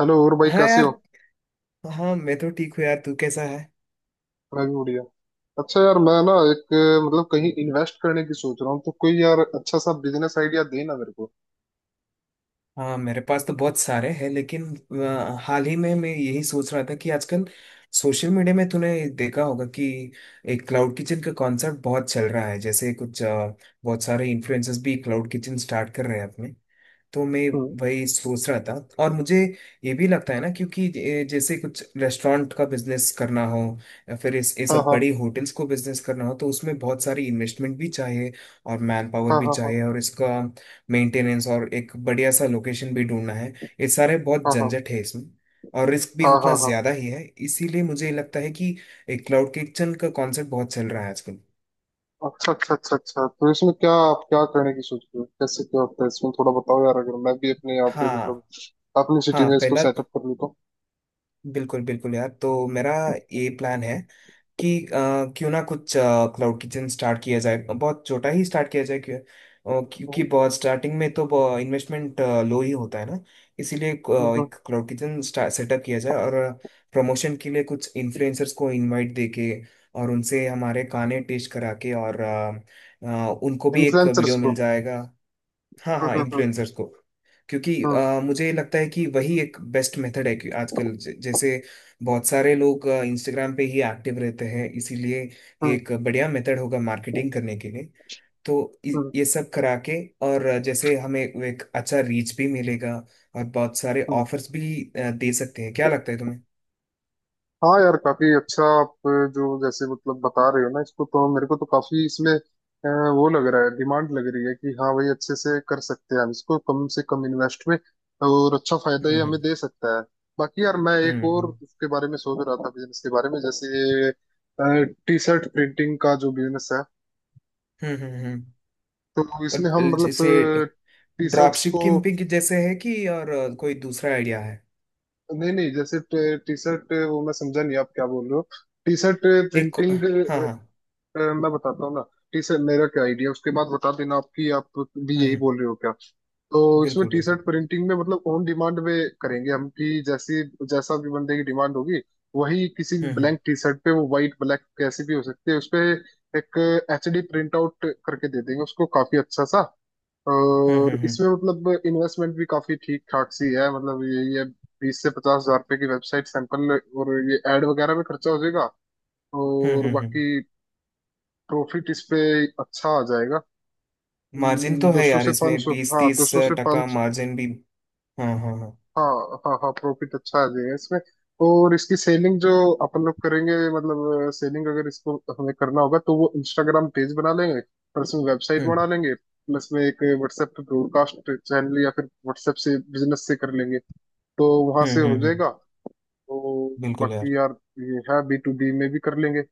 Hello, और भाई हाँ कैसे हो? यार। हाँ, मैं तो ठीक हूँ यार। तू कैसा है? मैं भी बढ़िया। अच्छा यार, मैं ना एक मतलब कहीं इन्वेस्ट करने की सोच रहा हूँ, तो कोई यार अच्छा सा बिजनेस आइडिया दे ना मेरे को। हाँ, मेरे पास तो बहुत सारे हैं, लेकिन हाल ही में मैं यही सोच रहा था कि आजकल सोशल मीडिया में तूने देखा होगा कि एक क्लाउड किचन का कॉन्सेप्ट बहुत चल रहा है। जैसे कुछ बहुत सारे इन्फ्लुएंसर्स भी क्लाउड किचन स्टार्ट कर रहे हैं अपने। तो मैं हम्म। वही सोच रहा था। और मुझे ये भी लगता है ना, क्योंकि जैसे कुछ रेस्टोरेंट का बिजनेस करना हो, या फिर इस ये हाँ, सब हाँ, बड़ी होटल्स को बिजनेस करना हो, तो उसमें बहुत सारी इन्वेस्टमेंट भी चाहिए, और मैन पावर हाँ, भी हाँ, हाँ, चाहिए, और इसका मेंटेनेंस, और एक बढ़िया सा लोकेशन भी ढूंढना है। ये सारे बहुत हाँ, हाँ, झंझट है इसमें, और रिस्क भी हाँ, उतना हाँ, हाँ। ज्यादा ही है। इसीलिए मुझे लगता है कि एक क्लाउड किचन का कॉन्सेप्ट बहुत चल रहा है आजकल। अच्छा, अच्छा, अच्छा, अच्छा। तो इसमें क्या आप क्या करने की सोच रहे हो? कैसे क्या होता है इसमें थोड़ा बताओ यार, अगर मैं भी अपने यहाँ पे मतलब हाँ अपनी सिटी हाँ। में इसको पहला, सेटअप कर लूँ तो। बिल्कुल बिल्कुल यार। तो मेरा ये प्लान है कि क्यों ना कुछ क्लाउड किचन स्टार्ट किया जाए, बहुत छोटा ही स्टार्ट किया जाए। क्योंकि बहुत स्टार्टिंग में तो इन्वेस्टमेंट लो ही होता है ना। इसीलिए एक क्लाउड किचन सेटअप किया जाए, और प्रमोशन के लिए कुछ इन्फ्लुएंसर्स को इनवाइट देके और उनसे हमारे गाने टेस्ट करा के, और उनको भी एक इन्फ्लुएंसर्स वीडियो को? मिल जाएगा। हाँ हाँ, हम्म, हम्म, इन्फ्लुएंसर्स को। क्योंकि हम्म, मुझे लगता है कि वही एक बेस्ट मेथड है, कि आजकल जैसे बहुत सारे लोग इंस्टाग्राम पे ही एक्टिव रहते हैं, इसीलिए हम्म, हम्म, एक बढ़िया मेथड होगा मार्केटिंग करने के लिए। तो हम्म, ये सब करा के, और जैसे हमें एक अच्छा रीच भी मिलेगा, और बहुत सारे हम्म। ऑफर्स भी दे सकते हैं। क्या लगता है तुम्हें? हाँ यार, काफी अच्छा आप जो जैसे मतलब बता रहे हो ना इसको, तो मेरे को तो काफी इसमें वो लग रहा है, डिमांड लग रही है कि हाँ भाई अच्छे से कर सकते हैं हम इसको कम से कम इन्वेस्ट में, और अच्छा फायदा ये हमें हम्म। दे सकता है। बाकी यार, मैं हम्म। एक और हम्म। उसके बारे में सोच रहा था, बिजनेस के बारे में। जैसे टी शर्ट प्रिंटिंग का जो बिजनेस है, हम्म। तो इसमें और हम मतलब जैसे टी ड्रॉप शर्ट्स को। शिपिंग जैसे है, कि और कोई दूसरा आइडिया है? नहीं, नहीं, जैसे टी शर्ट वो मैं समझा नहीं आप क्या बोल रहे हो, टी शर्ट एक, प्रिंटिंग। हाँ हाँ। मैं बताता हूँ ना, टी शर्ट मेरा क्या आइडिया उसके बाद बता देना, आपकी आप भी हम्म यही हम्म, बोल रहे हो क्या? तो इसमें बिल्कुल टी बिल्कुल। शर्ट प्रिंटिंग में मतलब ऑन डिमांड में करेंगे हम, कि जैसी जैसा भी बंदे की डिमांड होगी, वही किसी भी हम्म। हम्म। ब्लैंक टी शर्ट पे, वो व्हाइट ब्लैक कैसी भी हो सकती है, उस पे एक HD प्रिंट आउट करके दे देंगे उसको, काफी अच्छा सा। हम्म। और हम्म। हम्म। इसमें मतलब इन्वेस्टमेंट भी काफी ठीक ठाक सी है, मतलब ये 20 से 50,000 रुपए की वेबसाइट, सैंपल और ये एड वगैरह में खर्चा हो जाएगा। हम्म। और हम्म। हम्म। बाकी प्रॉफिट इस पे अच्छा आ जाएगा। मार्जिन तो दो है सौ यार से पाँच इसमें, सौ बीस हाँ, दो तीस सौ से टका पाँच। मार्जिन भी। हाँ हाँ हाँ। हाँ, हाँ, हाँ, प्रॉफिट अच्छा आ जाएगा इसमें। और इसकी सेलिंग जो अपन लोग करेंगे, मतलब सेलिंग अगर इसको हमें करना होगा तो वो इंस्टाग्राम पेज बना लेंगे, प्लस में वेबसाइट हम्म। बना लेंगे, प्लस में एक व्हाट्सएप पे ब्रॉडकास्ट चैनल, या फिर व्हाट्सएप से बिजनेस से कर लेंगे। तो वहां से हम्म। हो हम्म। हम्म। जाएगा। तो बिल्कुल यार। बाकी यार ये है, B2B में भी कर लेंगे।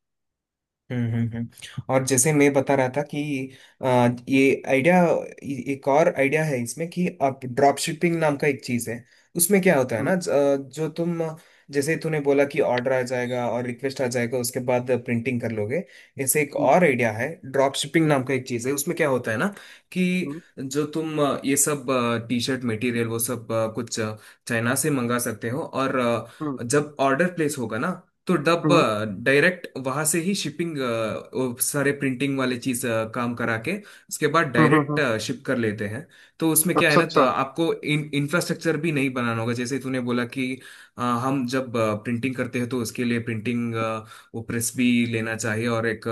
और जैसे मैं बता रहा था कि ये आइडिया, एक और आइडिया है इसमें, कि आप, ड्रॉप शिपिंग नाम का एक चीज है, उसमें क्या होता है हम्म, ना? जो तुम जैसे तूने बोला कि ऑर्डर आ जाएगा और रिक्वेस्ट आ जाएगा, उसके बाद प्रिंटिंग कर लोगे। ऐसे एक हम्म, और आइडिया है, ड्रॉप शिपिंग नाम का एक चीज है, उसमें क्या होता है ना, कि हम्म, जो तुम ये सब टी शर्ट मटेरियल, वो सब कुछ चाइना से मंगा सकते हो, और हम्म, जब ऑर्डर प्लेस होगा ना, तो डब हम्म, हम्म, डायरेक्ट वहां से ही शिपिंग, सारे प्रिंटिंग वाले चीज काम करा के, उसके बाद हम्म, डायरेक्ट शिप कर लेते हैं। तो उसमें क्या है अच्छा, ना, तो अच्छा। आपको इन इंफ्रास्ट्रक्चर भी नहीं बनाना होगा। जैसे तूने बोला कि हम जब प्रिंटिंग करते हैं तो उसके लिए प्रिंटिंग, वो प्रेस भी लेना चाहिए, और एक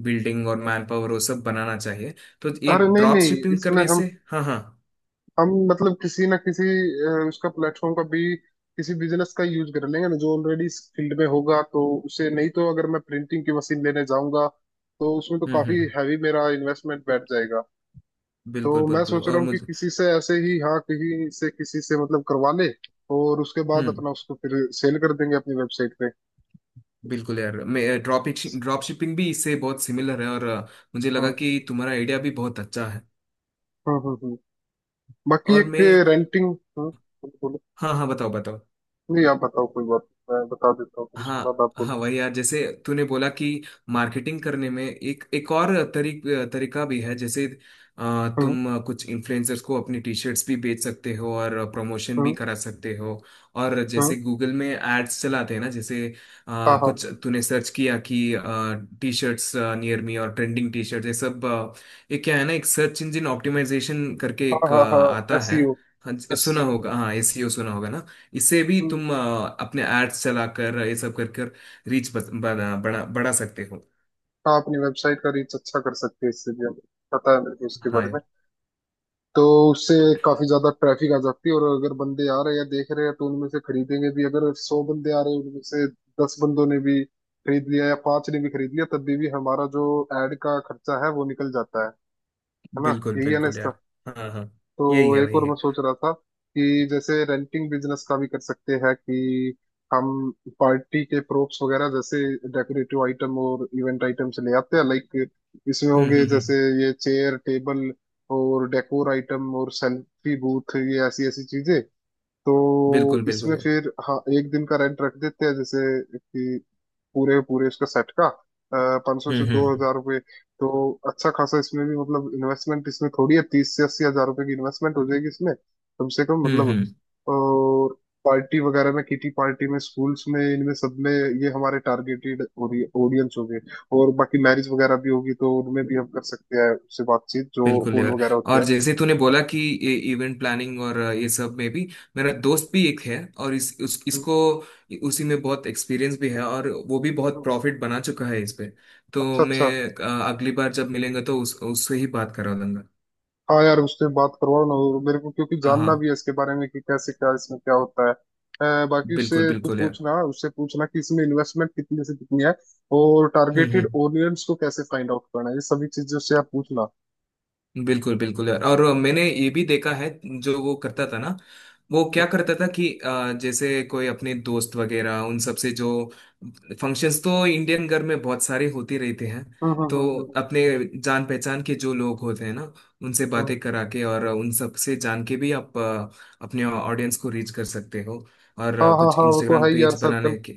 बिल्डिंग और मैन पावर, वो सब बनाना चाहिए। तो ये अरे नहीं, ड्रॉप नहीं, शिपिंग इसमें करने हम से। हाँ हाँ। हम मतलब किसी ना किसी उसका प्लेटफॉर्म का भी, किसी बिजनेस का यूज कर लेंगे ना जो ऑलरेडी इस फील्ड में होगा तो। उसे नहीं तो अगर मैं प्रिंटिंग की मशीन लेने जाऊंगा तो उसमें तो काफी हम्म। हैवी मेरा इन्वेस्टमेंट बैठ जाएगा। तो बिल्कुल मैं बिल्कुल, सोच और रहा हूँ कि मुझे। किसी से ऐसे ही, हाँ, कहीं से किसी से मतलब करवा ले, और उसके बाद हम्म। अपना उसको फिर सेल कर देंगे अपनी वेबसाइट पे। बिल्कुल यार, मैं ड्रॉप ड्रॉप शिपिंग भी इससे बहुत सिमिलर है, और मुझे लगा हम्म, कि तुम्हारा आइडिया भी बहुत अच्छा है। हम्म, हम्म, बाकी और एक मैं, रेंटिंग बोलो। बोलो। हाँ हाँ, बताओ बताओ। नहीं, आप बताओ कोई बात, मैं बता देता हूँ फिर उसके हाँ बाद आप बोलो। हाँ, वही यार, जैसे तूने बोला कि मार्केटिंग करने में एक एक और तरीका भी है। जैसे तुम कुछ इन्फ्लुएंसर्स को अपनी टी शर्ट्स भी बेच सकते हो, और प्रमोशन भी हम्म। करा सकते हो। और हाँ, जैसे गूगल में एड्स चलाते हैं ना, जैसे हाँ, हाँ, कुछ तूने सर्च किया कि टी शर्ट्स नियर मी और ट्रेंडिंग टी शर्ट्स, ये सब ये क्या है ना, एक सर्च इंजन ऑप्टिमाइजेशन करके हाँ, एक हाँ, हाँ, आता एस। है। हाँ, सुना SEO। होगा। हाँ, SEO सुना होगा ना। इससे भी हम्म। तुम अपने एड्स चलाकर ये सब कर कर रीच बना बड़ा बढ़ा सकते हो। हाँ, अपनी वेबसाइट का रीच अच्छा कर सकते हैं इससे भी हमें, पता है मेरे को उसके हाँ बारे यार, में। तो उससे काफी ज्यादा ट्रैफिक आ जाती है, और अगर बंदे आ रहे हैं या देख रहे हैं तो उनमें से खरीदेंगे भी। अगर 100 बंदे आ रहे हैं उनमें से 10 बंदों ने भी खरीद लिया या पांच ने भी खरीद लिया, तब भी हमारा जो एड का खर्चा है वो निकल जाता है। है ना? बिल्कुल यही है ना? बिल्कुल यार। हाँ हाँ। यही तो है, एक वही और मैं है। सोच रहा था कि जैसे रेंटिंग बिजनेस का भी कर सकते हैं कि हम पार्टी के प्रोप्स वगैरह, जैसे डेकोरेटिव आइटम और इवेंट आइटम्स ले आते हैं, लाइक इसमें हो गए जैसे हम्म। ये चेयर टेबल और डेकोर आइटम और सेल्फी बूथ, ये ऐसी ऐसी चीजें। तो बिल्कुल बिल्कुल इसमें यार। फिर हाँ, एक दिन का रेंट रख देते हैं जैसे, कि पूरे पूरे इसका सेट का पाँच सौ से दो हम्म। हजार रुपये तो अच्छा खासा इसमें भी मतलब इन्वेस्टमेंट इसमें थोड़ी है, 30 से 80,000 रुपये की इन्वेस्टमेंट हो जाएगी इसमें, कम से कम हम्म, मतलब। हम्म। और पार्टी वगैरह में, किटी पार्टी में, स्कूल्स में, इनमें सब में ये हमारे टारगेटेड ऑडियंस हो गए। और बाकी मैरिज वगैरह भी होगी तो उनमें भी हम कर सकते हैं, उससे बातचीत जो बिल्कुल फोन यार, वगैरह होते और हैं। जैसे तूने बोला कि ये इवेंट प्लानिंग और ये सब में भी, मेरा दोस्त भी एक है, और हम्म, इसको उसी में बहुत एक्सपीरियंस भी है, और वो भी बहुत हम्म। प्रॉफिट बना चुका है इस पे। तो अच्छा, अच्छा। मैं अगली बार जब मिलेंगे तो उस उससे ही बात करा लूंगा। हाँ यार, उससे बात करवाओ ना, और मेरे को क्योंकि हाँ हाँ, जानना भी है इसके बारे में कि कैसे क्या इसमें क्या होता है। बाकी बिल्कुल उससे तू बिल्कुल यार। पूछना, उससे पूछना कि इसमें इन्वेस्टमेंट कितनी से कितनी है, और हम्म टारगेटेड हम्म, ऑडियंस को कैसे फाइंड आउट करना है, ये सभी चीजें उससे आप पूछना। बिल्कुल बिल्कुल यार। और मैंने ये भी देखा है, जो वो करता हम्म, था ना, वो क्या करता था कि जैसे कोई अपने दोस्त वगैरह, उन सब से, जो फंक्शंस तो इंडियन घर में बहुत सारे होते रहते हैं, हम्म, हम्म, तो अपने जान पहचान के जो लोग होते हैं ना, उनसे हम्म। बातें करा के, और उन सब से जान के भी आप अपने ऑडियंस को रीच कर सकते हो। और हाँ, हाँ, कुछ हाँ, वो तो इंस्टाग्राम है ही यार, पेज सर्कल। बनाने के।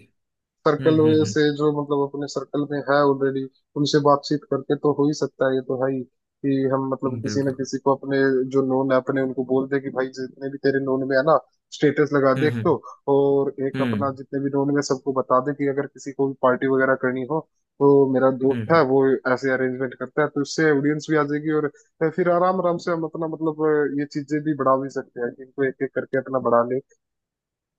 सर्कल हम्म हम्म से जो मतलब अपने सर्कल में है ऑलरेडी, उनसे बातचीत करके तो हो ही सकता है, ये तो है ही कि हम मतलब हम्म। किसी ना बिल्कुल। किसी को अपने जो नोन है अपने, उनको बोल दे कि भाई जितने भी तेरे नोन में है ना, स्टेटस लगा दे हम्म एक हम्म तो। और एक हम्म। अपना जितने भी नोन में सबको बता दे कि अगर किसी को भी पार्टी वगैरह करनी हो तो मेरा दोस्त है हम्म, वो ऐसे अरेंजमेंट करता है, तो इससे ऑडियंस भी आ जाएगी। और फिर आराम आराम से हम अपना मतलब ये चीजें भी बढ़ा भी सकते हैं, कि इनको एक एक करके अपना बढ़ा ले।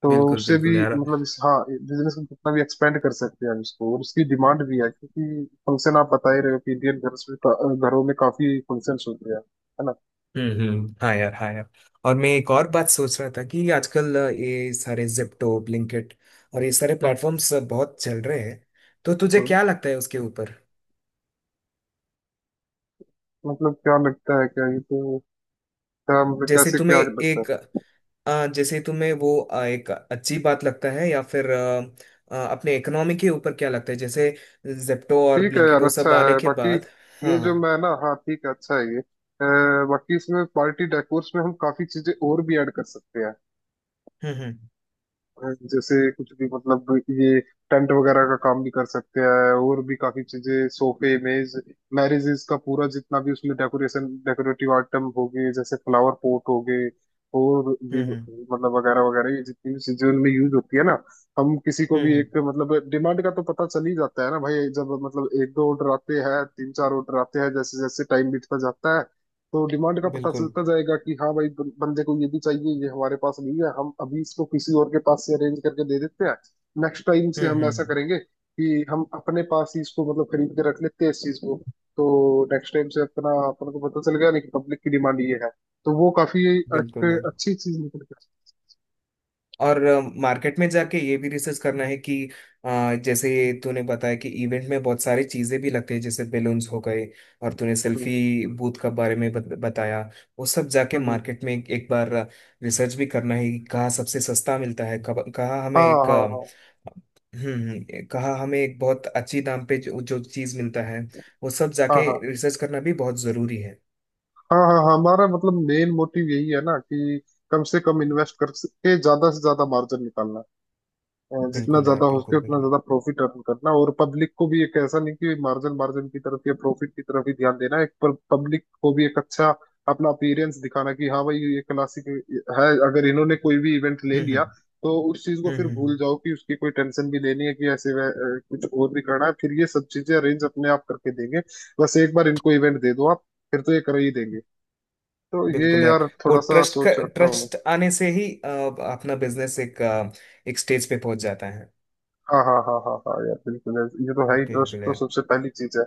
तो बिल्कुल उससे भी बिल्कुल यार। मतलब इस हाँ बिजनेस को कितना भी एक्सपेंड कर सकते हैं हम इसको, और उसकी डिमांड भी है क्योंकि फंक्शन आप बता ही रहे हो कि इंडियन घर में घरों में काफी फंक्शंस होते हैं, है ना? हाँ यार हाँ यार। और मैं एक और बात सोच रहा था कि आजकल ये सारे जिप्टो, ब्लिंकिट और ये सारे हम्म, प्लेटफॉर्म्स बहुत चल रहे हैं। तो तुझे हम्म। क्या लगता है उसके ऊपर? मतलब क्या लगता है क्या, ये तो क्या मतलब जैसे कैसे तुम्हें क्या लगता है? एक जैसे तुम्हें वो एक अच्छी बात लगता है, या फिर अपने इकोनॉमी के ऊपर क्या लगता है, जैसे जिप्टो और ठीक है ब्लिंकिट यार, वो अच्छा सब आने है के बाकी। बाद। ये हाँ जो हाँ। मैं ना, हाँ ठीक है, अच्छा है ये। बाकी इसमें पार्टी डेकोर्स में हम काफी चीजें और भी ऐड कर सकते हैं। हम्म हम्म जैसे कुछ भी मतलब ये टेंट वगैरह का काम भी कर सकते हैं, और भी काफी चीजें, सोफे मेज, मैरिजेस का पूरा जितना भी उसमें डेकोरेशन डेकोरेटिव आइटम हो गए जैसे फ्लावर पॉट हो गए, और भी हम्म। मतलब वगैरह वगैरह, ये जितनी भी चीजें उनमें यूज होती है ना। हम किसी को भी हम्म एक मतलब, डिमांड का तो पता चल ही जाता है ना भाई, जब मतलब एक दो ऑर्डर आते हैं, तीन चार ऑर्डर आते हैं, जैसे जैसे टाइम बीतता जाता है। तो डिमांड का पता बिल्कुल। चलता जाएगा कि हाँ भाई, बंदे को ये भी चाहिए, ये हमारे पास नहीं है, हम अभी इसको किसी और के पास से अरेंज करके दे देते हैं। नेक्स्ट टाइम से हम ऐसा हम्म। करेंगे कि हम अपने पास ही इसको मतलब खरीद के रख लेते हैं, इस चीज को। तो नेक्स्ट टाइम से अपना, अपन को पता चल गया नहीं कि पब्लिक की डिमांड ये है, तो वो काफी एक बिल्कुल यार, अच्छी चीज निकल के और मार्केट में जाके ये भी रिसर्च करना है कि जैसे आती है। तूने बताया कि इवेंट में बहुत सारी चीजें भी लगती है, जैसे बेलून्स हो गए, और तूने हम्म, सेल्फी बूथ का बारे में बताया। वो सब जाके हम्म, हम्म। मार्केट में एक बार रिसर्च भी करना है कि कहाँ सबसे सस्ता मिलता है, कब कहाँ हमें हाँ, हाँ, एक हाँ, कहाँ हमें एक बहुत अच्छी दाम पे जो चीज मिलता है, वो सब हाँ, जाके हाँ, रिसर्च करना भी बहुत जरूरी है। हाँ, हाँ, हाँ, हमारा मतलब मेन मोटिव यही है ना कि कम से कम इन्वेस्ट करके ज्यादा से ज्यादा मार्जिन निकालना। जितना बिल्कुल यार, ज्यादा हो सके बिल्कुल उतना बिल्कुल। ज्यादा प्रॉफिट अर्न करना, और पब्लिक को भी एक ऐसा नहीं कि मार्जिन मार्जिन की तरफ या प्रॉफिट की तरफ ही ध्यान देना एक। पब्लिक को भी एक अच्छा अपना अपीयरेंस दिखाना, कि हाँ भाई ये क्लासिक है। अगर इन्होंने कोई भी इवेंट ले हम्म हम्म लिया तो उस चीज को फिर हम्म। हम्म। भूल जाओ कि उसकी कोई टेंशन भी लेनी है कि ऐसे कुछ और भी करना है, फिर ये सब चीजें अरेंज अपने आप करके देंगे। बस एक बार इनको इवेंट दे दो आप, फिर तो ये कर ही देंगे। तो ये बिल्कुल यार, यार वो थोड़ा सा ट्रस्ट का, सोच रखता हूँ मैं। ट्रस्ट आने से ही अपना बिजनेस एक स्टेज पे पहुंच जाता है। हाँ, हाँ, हाँ, हाँ, हाँ यार, बिल्कुल यार, ये तो है ही। ट्रस्ट बिल्कुल तो यार। सबसे पहली चीज है।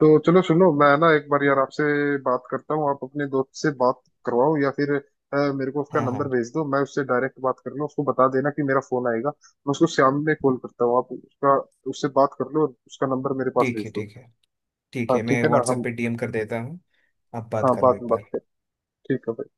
तो चलो सुनो, मैं ना एक बार यार आपसे बात करता हूँ, आप अपने दोस्त से बात करवाओ, या फिर मेरे को उसका हाँ नंबर हाँ। भेज दो, मैं उससे डायरेक्ट बात कर लूँ। उसको बता देना कि मेरा फोन आएगा, मैं उसको शाम में कॉल करता हूँ, आप उसका उससे बात कर लो और उसका नंबर मेरे पास ठीक भेज है दो। ठीक है। ठीक हाँ है, मैं ठीक है ना, व्हाट्सएप हम पे DM कर देता हूँ। आप बात हाँ कर लो बाद एक में बात बार। करें। ठीक है भाई।